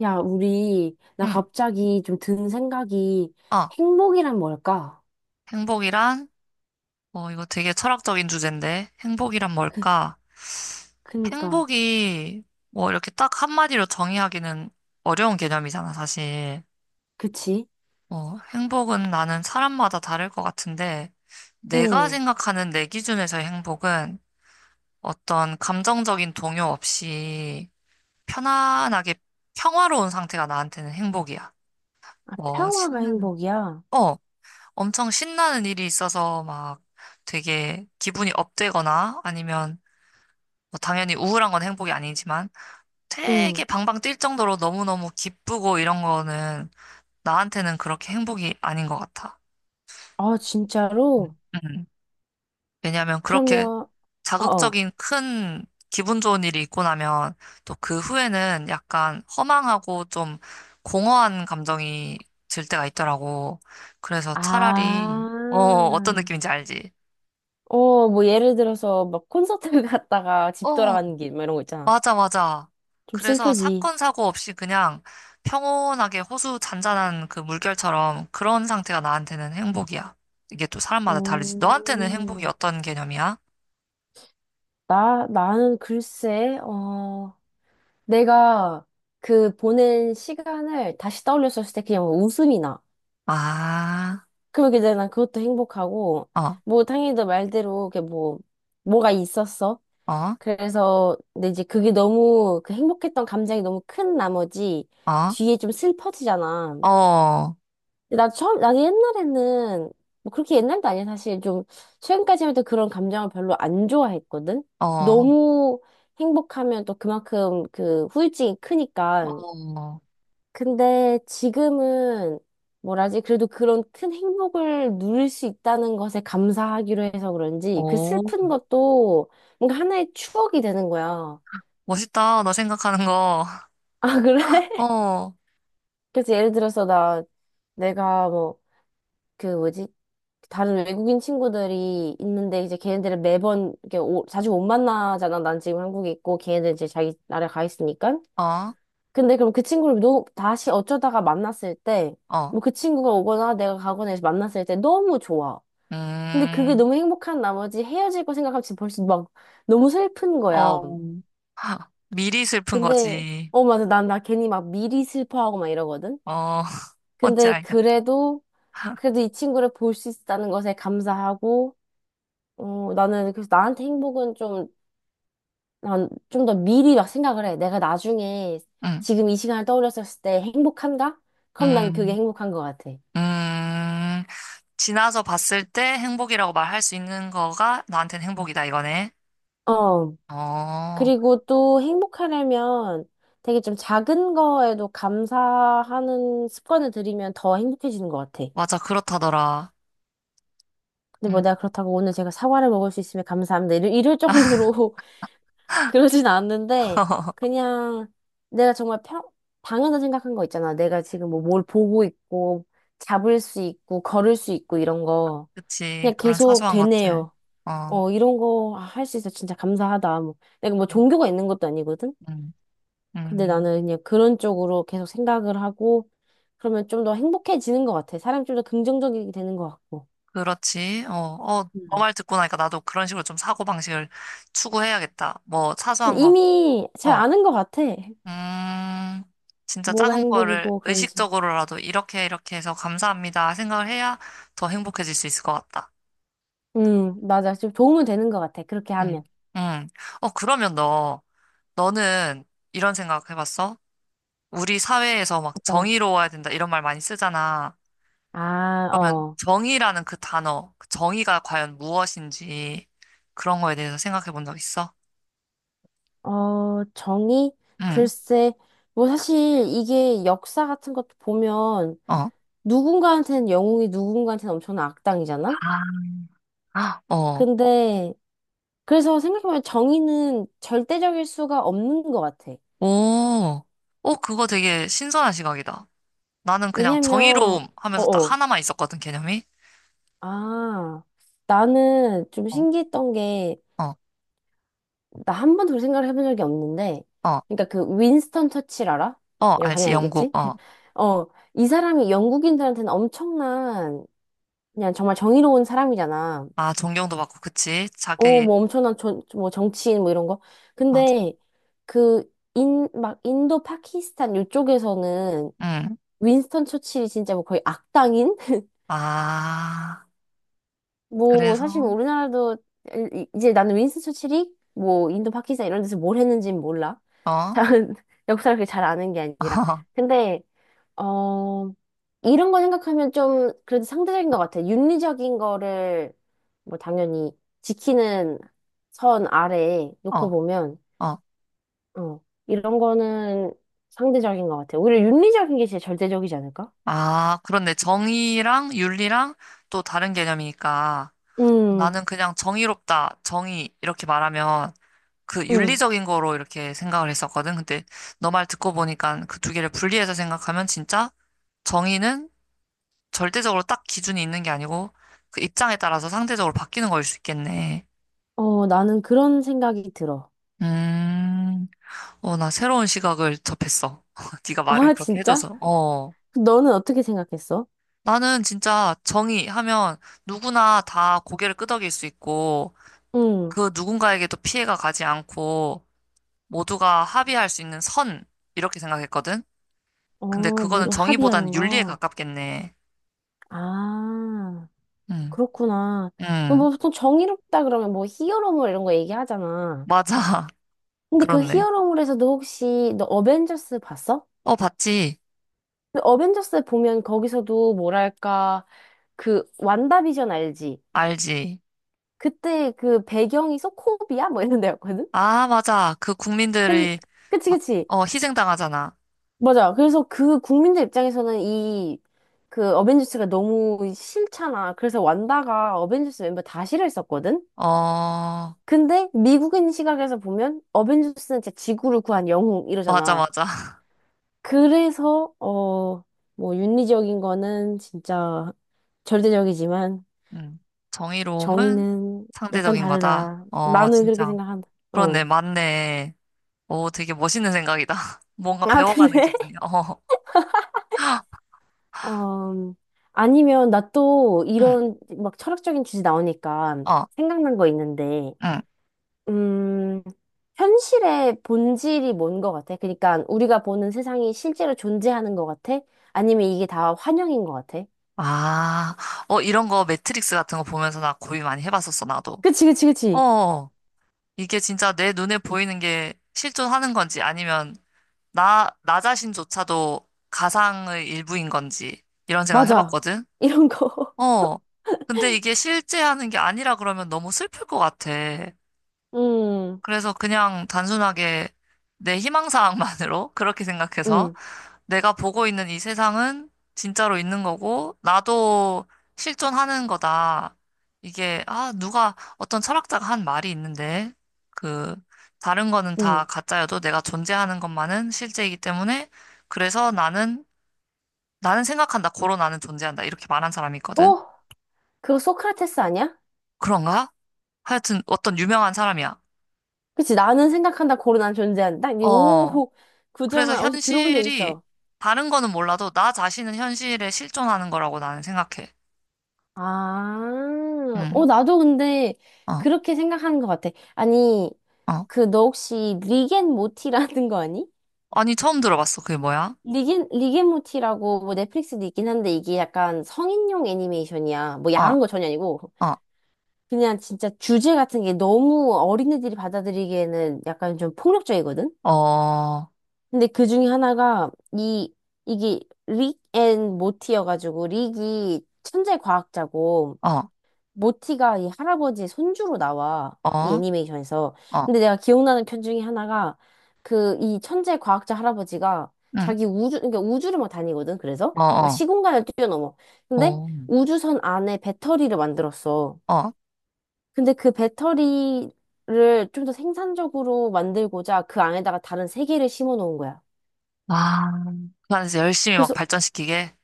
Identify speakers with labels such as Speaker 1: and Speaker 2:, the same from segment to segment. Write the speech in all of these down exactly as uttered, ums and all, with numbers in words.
Speaker 1: 야, 우리, 나
Speaker 2: 응.
Speaker 1: 갑자기 좀 든 생각이
Speaker 2: 어,
Speaker 1: 행복이란 뭘까?
Speaker 2: 행복이란? 어, 이거 되게 철학적인 주제인데. 행복이란
Speaker 1: 그,
Speaker 2: 뭘까?
Speaker 1: 그니까,
Speaker 2: 행복이 뭐 이렇게 딱 한마디로 정의하기는 어려운 개념이잖아, 사실.
Speaker 1: 그치?
Speaker 2: 어, 행복은 나는 사람마다 다를 것 같은데, 내가
Speaker 1: 응.
Speaker 2: 생각하는 내 기준에서의 행복은 어떤 감정적인 동요 없이 편안하게 평화로운 상태가 나한테는 행복이야.
Speaker 1: 아,
Speaker 2: 뭐,
Speaker 1: 평화가
Speaker 2: 신나는,
Speaker 1: 행복이야.
Speaker 2: 어, 엄청 신나는 일이 있어서 막 되게 기분이 업되거나 아니면 뭐 당연히 우울한 건 행복이 아니지만
Speaker 1: 응.
Speaker 2: 되게 방방 뛸 정도로 너무너무 기쁘고 이런 거는 나한테는 그렇게 행복이 아닌 것 같아.
Speaker 1: 아,
Speaker 2: 음.
Speaker 1: 진짜로?
Speaker 2: 음. 왜냐하면 그렇게
Speaker 1: 그러면, 어어.
Speaker 2: 자극적인 큰 기분 좋은 일이 있고 나면 또 그 후에는 약간 허망하고 좀 공허한 감정이 들 때가 있더라고. 그래서 차라리
Speaker 1: 아,
Speaker 2: 어, 어떤 느낌인지 알지?
Speaker 1: 어, 뭐, 예를 들어서, 막, 콘서트 갔다가 집
Speaker 2: 어,
Speaker 1: 돌아가는 길, 막 이런 거 있잖아.
Speaker 2: 맞아, 맞아.
Speaker 1: 좀
Speaker 2: 그래서
Speaker 1: 슬프지.
Speaker 2: 사건, 사고 없이 그냥 평온하게 호수 잔잔한 그 물결처럼 그런 상태가 나한테는 행복이야. 이게 또 사람마다 다르지. 너한테는 행복이
Speaker 1: 오,
Speaker 2: 어떤 개념이야?
Speaker 1: 나, 나는 글쎄, 어, 내가 그 보낸 시간을 다시 떠올렸을 때 그냥 뭐 웃음이 나.
Speaker 2: 아,
Speaker 1: 그러게 이제 난 그것도 행복하고,
Speaker 2: 어,
Speaker 1: 뭐 당연히 너 말대로 그 뭐, 뭐가 있었어.
Speaker 2: 어,
Speaker 1: 그래서 근데 이제 그게 너무 그 행복했던 감정이 너무 큰 나머지
Speaker 2: 어,
Speaker 1: 뒤에 좀 슬퍼지잖아.
Speaker 2: 어,
Speaker 1: 근데 나 처음, 나도 옛날에는 뭐 그렇게 옛날도 아니야. 사실 좀 최근까지만 해도 그런 감정을 별로 안 좋아했거든.
Speaker 2: 어,
Speaker 1: 너무 행복하면 또 그만큼 그 후유증이 크니까.
Speaker 2: 어,
Speaker 1: 근데 지금은 뭐라지? 그래도 그런 큰 행복을 누릴 수 있다는 것에 감사하기로 해서 그런지 그
Speaker 2: 오,
Speaker 1: 슬픈 것도 뭔가 하나의 추억이 되는 거야.
Speaker 2: 멋있다. 너 생각하는 거.
Speaker 1: 아, 그래? 그래서 예를 들어서 나 내가 뭐 그 뭐지? 다른 외국인 친구들이 있는데 이제 걔네들은 매번 이렇게 오- 자주 못 만나잖아. 난 지금 한국에 있고 걔네들 이제 자기 나라에 가 있으니까.
Speaker 2: 어, 어,
Speaker 1: 근데 그럼 그 친구를 너, 다시 어쩌다가 만났을 때,
Speaker 2: 어,
Speaker 1: 뭐 그 친구가 오거나 내가 가거나 해서 만났을 때 너무 좋아. 근데 그게
Speaker 2: 음,
Speaker 1: 너무 행복한 나머지 헤어질 거 생각하면 지금 벌써 막 너무 슬픈 거야.
Speaker 2: 어, 미리 슬픈
Speaker 1: 근데,
Speaker 2: 거지.
Speaker 1: 어, 맞아. 난, 나 괜히 막 미리 슬퍼하고 막 이러거든?
Speaker 2: 어, 뭔지
Speaker 1: 근데
Speaker 2: 알겠다.
Speaker 1: 그래도, 그래도 이 친구를 볼 수 있다는 것에 감사하고, 어, 나는 그래서 나한테 행복은 좀, 난 좀 더 미리 막 생각을 해. 내가 나중에
Speaker 2: 응,
Speaker 1: 지금 이 시간을 떠올렸을 때 행복한가? 그럼 난 그게
Speaker 2: 음.
Speaker 1: 행복한 것 같아.
Speaker 2: 음, 지나서 봤을 때 행복이라고 말할 수 있는 거가 나한테는 음. 행복이다, 이거네.
Speaker 1: 어,
Speaker 2: 어,
Speaker 1: 그리고 또 행복하려면 되게 좀 작은 거에도 감사하는 습관을 들이면 더 행복해지는 것 같아.
Speaker 2: 맞아, 그렇다더라.
Speaker 1: 근데 뭐
Speaker 2: 음,
Speaker 1: 내가 그렇다고 오늘 제가 사과를 먹을 수 있으면 감사합니다. 이럴, 이럴 정도로 그러진 않는데, 그냥 내가 정말 평, 당연하다 생각한 거 있잖아. 내가 지금 뭐 뭘 보고 있고, 잡을 수 있고, 걸을 수 있고, 이런 거.
Speaker 2: 그치.
Speaker 1: 그냥
Speaker 2: 그런
Speaker 1: 계속
Speaker 2: 사소한 것들.
Speaker 1: 되네요.
Speaker 2: 어,
Speaker 1: 어, 이런 거 할 수 있어. 진짜 감사하다. 뭐. 내가 뭐 종교가 있는 것도 아니거든?
Speaker 2: 음,
Speaker 1: 근데
Speaker 2: 음,
Speaker 1: 나는 그냥 그런 쪽으로 계속 생각을 하고 그러면 좀 더 행복해지는 것 같아. 사람이 좀 더 긍정적이 되는 것 같고.
Speaker 2: 그렇지. 어, 어, 너
Speaker 1: 음.
Speaker 2: 말 듣고 나니까 나도 그런 식으로 좀 사고방식을 추구해야겠다. 뭐, 사소한
Speaker 1: 근데
Speaker 2: 거.
Speaker 1: 이미 잘
Speaker 2: 어,
Speaker 1: 아는 것 같아.
Speaker 2: 음, 진짜
Speaker 1: 뭐가
Speaker 2: 작은 거를
Speaker 1: 행복이고 그런지.
Speaker 2: 의식적으로라도 이렇게 이렇게 해서 감사합니다 생각을 해야 더 행복해질 수 있을 것 같다.
Speaker 1: 음, 맞아. 좀 도움은 되는 것 같아. 그렇게
Speaker 2: 응,
Speaker 1: 하면.
Speaker 2: 응. 어, 그러면 너, 너는 이런 생각 해봤어? 우리 사회에서 막
Speaker 1: 어떤?
Speaker 2: 정의로워야 된다 이런 말 많이 쓰잖아.
Speaker 1: 아,
Speaker 2: 그러면
Speaker 1: 어.
Speaker 2: 정의라는 그 단어, 그 정의가 과연 무엇인지 그런 거에 대해서 생각해 본 적 있어?
Speaker 1: 어, 정의?
Speaker 2: 응,
Speaker 1: 글쎄. 뭐 사실 이게 역사 같은 것도 보면
Speaker 2: 어.
Speaker 1: 누군가한테는 영웅이 누군가한테는 엄청난 악당이잖아?
Speaker 2: 아, 어,
Speaker 1: 근데 그래서 생각해보면 정의는 절대적일 수가 없는 것 같아.
Speaker 2: 오, 오, 그거 되게 신선한 시각이다. 나는 그냥
Speaker 1: 왜냐면,
Speaker 2: 정의로움 하면서 딱
Speaker 1: 어어.
Speaker 2: 하나만 있었거든, 개념이.
Speaker 1: 아, 나는 좀
Speaker 2: 어,
Speaker 1: 신기했던 게,
Speaker 2: 어,
Speaker 1: 나 한 번도 그렇게 생각을 해본 적이 없는데,
Speaker 2: 어,
Speaker 1: 그러니까 그 윈스턴 처칠 알아?
Speaker 2: 어,
Speaker 1: 이거
Speaker 2: 알지,
Speaker 1: 당연히
Speaker 2: 영국,
Speaker 1: 알겠지?
Speaker 2: 어.
Speaker 1: 어, 이 사람이 영국인들한테는 엄청난, 그냥 정말 정의로운 사람이잖아.
Speaker 2: 아, 존경도 받고, 그치?
Speaker 1: 어,
Speaker 2: 자기,
Speaker 1: 뭐 엄청난 저, 뭐 정치인 뭐 이런 거.
Speaker 2: 맞아.
Speaker 1: 근데, 그, 인, 막 인도 파키스탄 이쪽에서는
Speaker 2: 응.
Speaker 1: 윈스턴 처칠이 진짜 뭐 거의 악당인?
Speaker 2: 아,
Speaker 1: 뭐
Speaker 2: 그래서,
Speaker 1: 사실 뭐 우리나라도 이- 이제 나는 윈스턴 처칠이 뭐 인도 파키스탄 이런 데서 뭘 했는지는 몰라.
Speaker 2: 어,
Speaker 1: 잘 역사를 그렇게 잘 아는 게 아니라. 근데 어 이런 거 생각하면 좀 그래도 상대적인 것 같아. 윤리적인 거를 뭐 당연히 지키는 선 아래에 놓고
Speaker 2: 어,
Speaker 1: 보면
Speaker 2: 어.
Speaker 1: 어 이런 거는 상대적인 것 같아. 오히려 윤리적인 게 제일 절대적이지 않을까?
Speaker 2: 아, 그렇네. 정의랑 윤리랑 또 다른 개념이니까
Speaker 1: 음,
Speaker 2: 나는 그냥 정의롭다, 정의 이렇게 말하면 그
Speaker 1: 음.
Speaker 2: 윤리적인 거로 이렇게 생각을 했었거든. 근데 너 말 듣고 보니까 그 두 개를 분리해서 생각하면 진짜 정의는 절대적으로 딱 기준이 있는 게 아니고 그 입장에 따라서 상대적으로 바뀌는 거일 수 있겠네.
Speaker 1: 어, 나는 그런 생각이 들어.
Speaker 2: 음, 어, 나 새로운 시각을 접했어. 네가 말을
Speaker 1: 아,
Speaker 2: 그렇게
Speaker 1: 진짜?
Speaker 2: 해줘서. 어.
Speaker 1: 너는 어떻게 생각했어?
Speaker 2: 나는 진짜 정의 하면 누구나 다 고개를 끄덕일 수 있고
Speaker 1: 응.
Speaker 2: 그 누군가에게도 피해가 가지 않고 모두가 합의할 수 있는 선 이렇게 생각했거든. 근데
Speaker 1: 어,
Speaker 2: 그거는
Speaker 1: 뭐 합의하는
Speaker 2: 정의보다는 윤리에
Speaker 1: 거.
Speaker 2: 가깝겠네.
Speaker 1: 아,
Speaker 2: 응,
Speaker 1: 그렇구나. 뭐
Speaker 2: 응,
Speaker 1: 보통 정의롭다 그러면 뭐 히어로물 이런 거 얘기하잖아.
Speaker 2: 맞아.
Speaker 1: 근데 그
Speaker 2: 그렇네.
Speaker 1: 히어로물에서도 혹시 너 어벤져스 봤어?
Speaker 2: 어, 봤지?
Speaker 1: 근데 어벤져스 보면 거기서도 뭐랄까 그 완다비전 알지?
Speaker 2: 알지?
Speaker 1: 그때 그 배경이 소코비아 뭐 이런 데였거든?
Speaker 2: 아, 맞아. 그
Speaker 1: 근
Speaker 2: 국민들이
Speaker 1: 그치,
Speaker 2: 막,
Speaker 1: 그치.
Speaker 2: 어, 희생당하잖아.
Speaker 1: 맞아. 그래서 그 국민들 입장에서는 이 그 어벤져스가 너무 싫잖아. 그래서 완다가 어벤져스 멤버 다 싫어했었거든.
Speaker 2: 어,
Speaker 1: 근데 미국인 시각에서 보면 어벤져스는 진짜 지구를 구한 영웅
Speaker 2: 맞아,
Speaker 1: 이러잖아.
Speaker 2: 맞아.
Speaker 1: 그래서 어 뭐 윤리적인 거는 진짜 절대적이지만
Speaker 2: 응. 정의로움은
Speaker 1: 정의는 약간
Speaker 2: 상대적인 거다.
Speaker 1: 다르다.
Speaker 2: 어,
Speaker 1: 나는 그렇게
Speaker 2: 진짜.
Speaker 1: 생각한다.
Speaker 2: 그렇네,
Speaker 1: 어.
Speaker 2: 맞네. 오, 되게 멋있는 생각이다. 뭔가
Speaker 1: 아,
Speaker 2: 배워가는
Speaker 1: 그래?
Speaker 2: 기분이야. 어,
Speaker 1: 음, 아니면 나 또
Speaker 2: 응,
Speaker 1: 이런 막 철학적인 주제 나오니까
Speaker 2: 어,
Speaker 1: 생각난 거 있는데,
Speaker 2: 응.
Speaker 1: 음, 현실의 본질이 뭔 것 같아? 그러니까 우리가 보는 세상이 실제로 존재하는 것 같아? 아니면 이게 다 환영인 것 같아?
Speaker 2: 아, 어, 이런 거 매트릭스 같은 거 보면서 나 고민 많이 해봤었어, 나도.
Speaker 1: 그치, 그치, 그치.
Speaker 2: 어, 이게 진짜 내 눈에 보이는 게 실존하는 건지 아니면 나, 나 자신조차도 가상의 일부인 건지 이런 생각
Speaker 1: 맞아.
Speaker 2: 해봤거든?
Speaker 1: 이런 거.
Speaker 2: 어, 근데 이게 실제 하는 게 아니라 그러면 너무 슬플 것 같아.
Speaker 1: 음,
Speaker 2: 그래서 그냥 단순하게 내 희망사항만으로 그렇게 생각해서
Speaker 1: 음,
Speaker 2: 내가 보고 있는 이 세상은 진짜로 있는 거고, 나도 실존하는 거다. 이게, 아, 누가, 어떤 철학자가 한 말이 있는데, 그, 다른 거는 다
Speaker 1: 음.
Speaker 2: 가짜여도 내가 존재하는 것만은 실제이기 때문에, 그래서 나는, 나는 생각한다. 고로 나는 존재한다. 이렇게 말한 사람이 있거든.
Speaker 1: 어? 그거 소크라테스 아니야?
Speaker 2: 그런가? 하여튼 어떤 유명한 사람이야.
Speaker 1: 그치, 나는 생각한다, 고로 난 존재한다. 이
Speaker 2: 어,
Speaker 1: 오,
Speaker 2: 그래서
Speaker 1: 구절만 어디서 들어본 적
Speaker 2: 현실이,
Speaker 1: 있어.
Speaker 2: 다른 거는 몰라도 나 자신은 현실에 실존하는 거라고 나는 생각해.
Speaker 1: 아,
Speaker 2: 응,
Speaker 1: 어, 나도 근데
Speaker 2: 어,
Speaker 1: 그렇게 생각하는 것 같아. 아니,
Speaker 2: 어.
Speaker 1: 그, 너 혹시 리겐 모티라는 거 아니?
Speaker 2: 아니, 처음 들어봤어. 그게 뭐야?
Speaker 1: 리겐, 리겐 모티라고 뭐 넷플릭스도 있긴 한데 이게 약간 성인용 애니메이션이야. 뭐
Speaker 2: 어,
Speaker 1: 야한 거 전혀 아니고.
Speaker 2: 어,
Speaker 1: 그냥 진짜 주제 같은 게 너무 어린애들이 받아들이기에는 약간 좀 폭력적이거든?
Speaker 2: 어,
Speaker 1: 근데 그 중에 하나가 이, 이게 릭 앤 모티여가지고 릭이 천재 과학자고
Speaker 2: 어,
Speaker 1: 모티가 이 할아버지 손주로 나와.
Speaker 2: 어,
Speaker 1: 이 애니메이션에서.
Speaker 2: 어,
Speaker 1: 근데 내가 기억나는 편 중에 하나가 그 이 천재 과학자 할아버지가
Speaker 2: 응,
Speaker 1: 자기 우주, 그러니까 우주를 막 다니거든. 그래서
Speaker 2: 어,
Speaker 1: 막
Speaker 2: 어,
Speaker 1: 시공간을 뛰어넘어. 근데
Speaker 2: 어,
Speaker 1: 우주선 안에 배터리를 만들었어.
Speaker 2: 어.
Speaker 1: 근데 그 배터리를 좀 더 생산적으로 만들고자 그 안에다가 다른 세계를 심어 놓은 거야.
Speaker 2: 아, 그 안에서 열심히 막
Speaker 1: 그래서
Speaker 2: 발전시키게.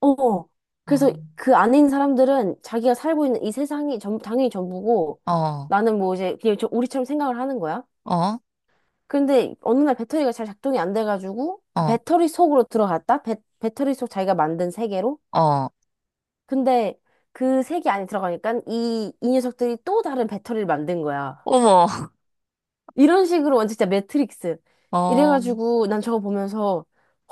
Speaker 1: 어.
Speaker 2: 어,
Speaker 1: 그래서 그 안에 있는 사람들은 자기가 살고 있는 이 세상이 전, 당연히 전부고
Speaker 2: 어,
Speaker 1: 나는 뭐 이제 그냥 저 우리처럼 생각을 하는 거야.
Speaker 2: 어,
Speaker 1: 근데 어느 날 배터리가 잘 작동이 안 돼가지고 그
Speaker 2: 어,
Speaker 1: 배터리 속으로 들어갔다? 배, 배터리 속 자기가 만든 세계로?
Speaker 2: 어.
Speaker 1: 근데 그 세계 안에 들어가니까 이, 이 녀석들이 또 다른 배터리를 만든 거야.
Speaker 2: 어머,
Speaker 1: 이런 식으로 완전 진짜 매트릭스.
Speaker 2: 어,
Speaker 1: 이래가지고 난 저거 보면서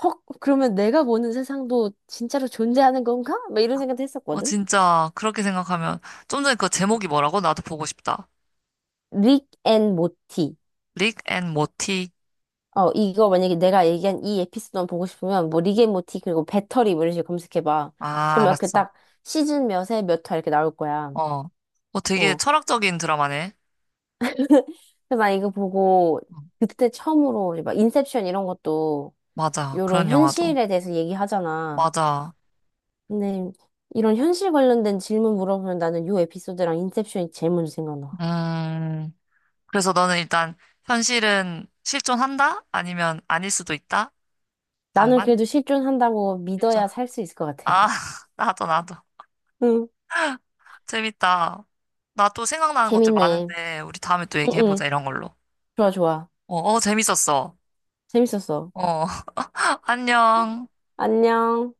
Speaker 1: 헉, 그러면 내가 보는 세상도 진짜로 존재하는 건가? 막 이런 생각도
Speaker 2: 어,
Speaker 1: 했었거든.
Speaker 2: 진짜, 그렇게 생각하면, 좀 전에 그 제목이 뭐라고? 나도 보고 싶다.
Speaker 1: 릭 앤 모티.
Speaker 2: 릭 앤 모티.
Speaker 1: 어, 이거 만약에 내가 얘기한 이 에피소드만 보고 싶으면 뭐 릭 앤 모티 그리고 배터리 뭐 이런 식으로 검색해봐.
Speaker 2: 아,
Speaker 1: 그러면 그
Speaker 2: 알았어.
Speaker 1: 딱 시즌 몇에 몇 화 이렇게 나올 거야.
Speaker 2: 어, 어, 되게
Speaker 1: 어.
Speaker 2: 철학적인 드라마네.
Speaker 1: 그래서 나 이거 보고
Speaker 2: 어,
Speaker 1: 그때 처음으로 이제 막 인셉션 이런 것도
Speaker 2: 맞아.
Speaker 1: 이런
Speaker 2: 그런 영화도.
Speaker 1: 현실에 대해서 얘기하잖아.
Speaker 2: 맞아.
Speaker 1: 근데 이런 현실 관련된 질문 물어보면 나는 요 에피소드랑 인셉션이 제일 먼저 생각나.
Speaker 2: 음. 그래서 너는 일단 현실은 실존한다? 아니면 아닐 수도 있다?
Speaker 1: 나는
Speaker 2: 반반?
Speaker 1: 그래도 실존한다고
Speaker 2: 실존.
Speaker 1: 믿어야
Speaker 2: 한
Speaker 1: 살 수 있을 것 같아.
Speaker 2: 아, 나도 나도.
Speaker 1: 응.
Speaker 2: 재밌다. 나 또 생각나는 것들
Speaker 1: 재밌네.
Speaker 2: 많은데 우리 다음에 또
Speaker 1: 응,
Speaker 2: 얘기해보자
Speaker 1: 응.
Speaker 2: 이런 걸로.
Speaker 1: 좋아, 좋아.
Speaker 2: 어, 어, 재밌었어.
Speaker 1: 재밌었어.
Speaker 2: 어, 안녕.
Speaker 1: 안녕.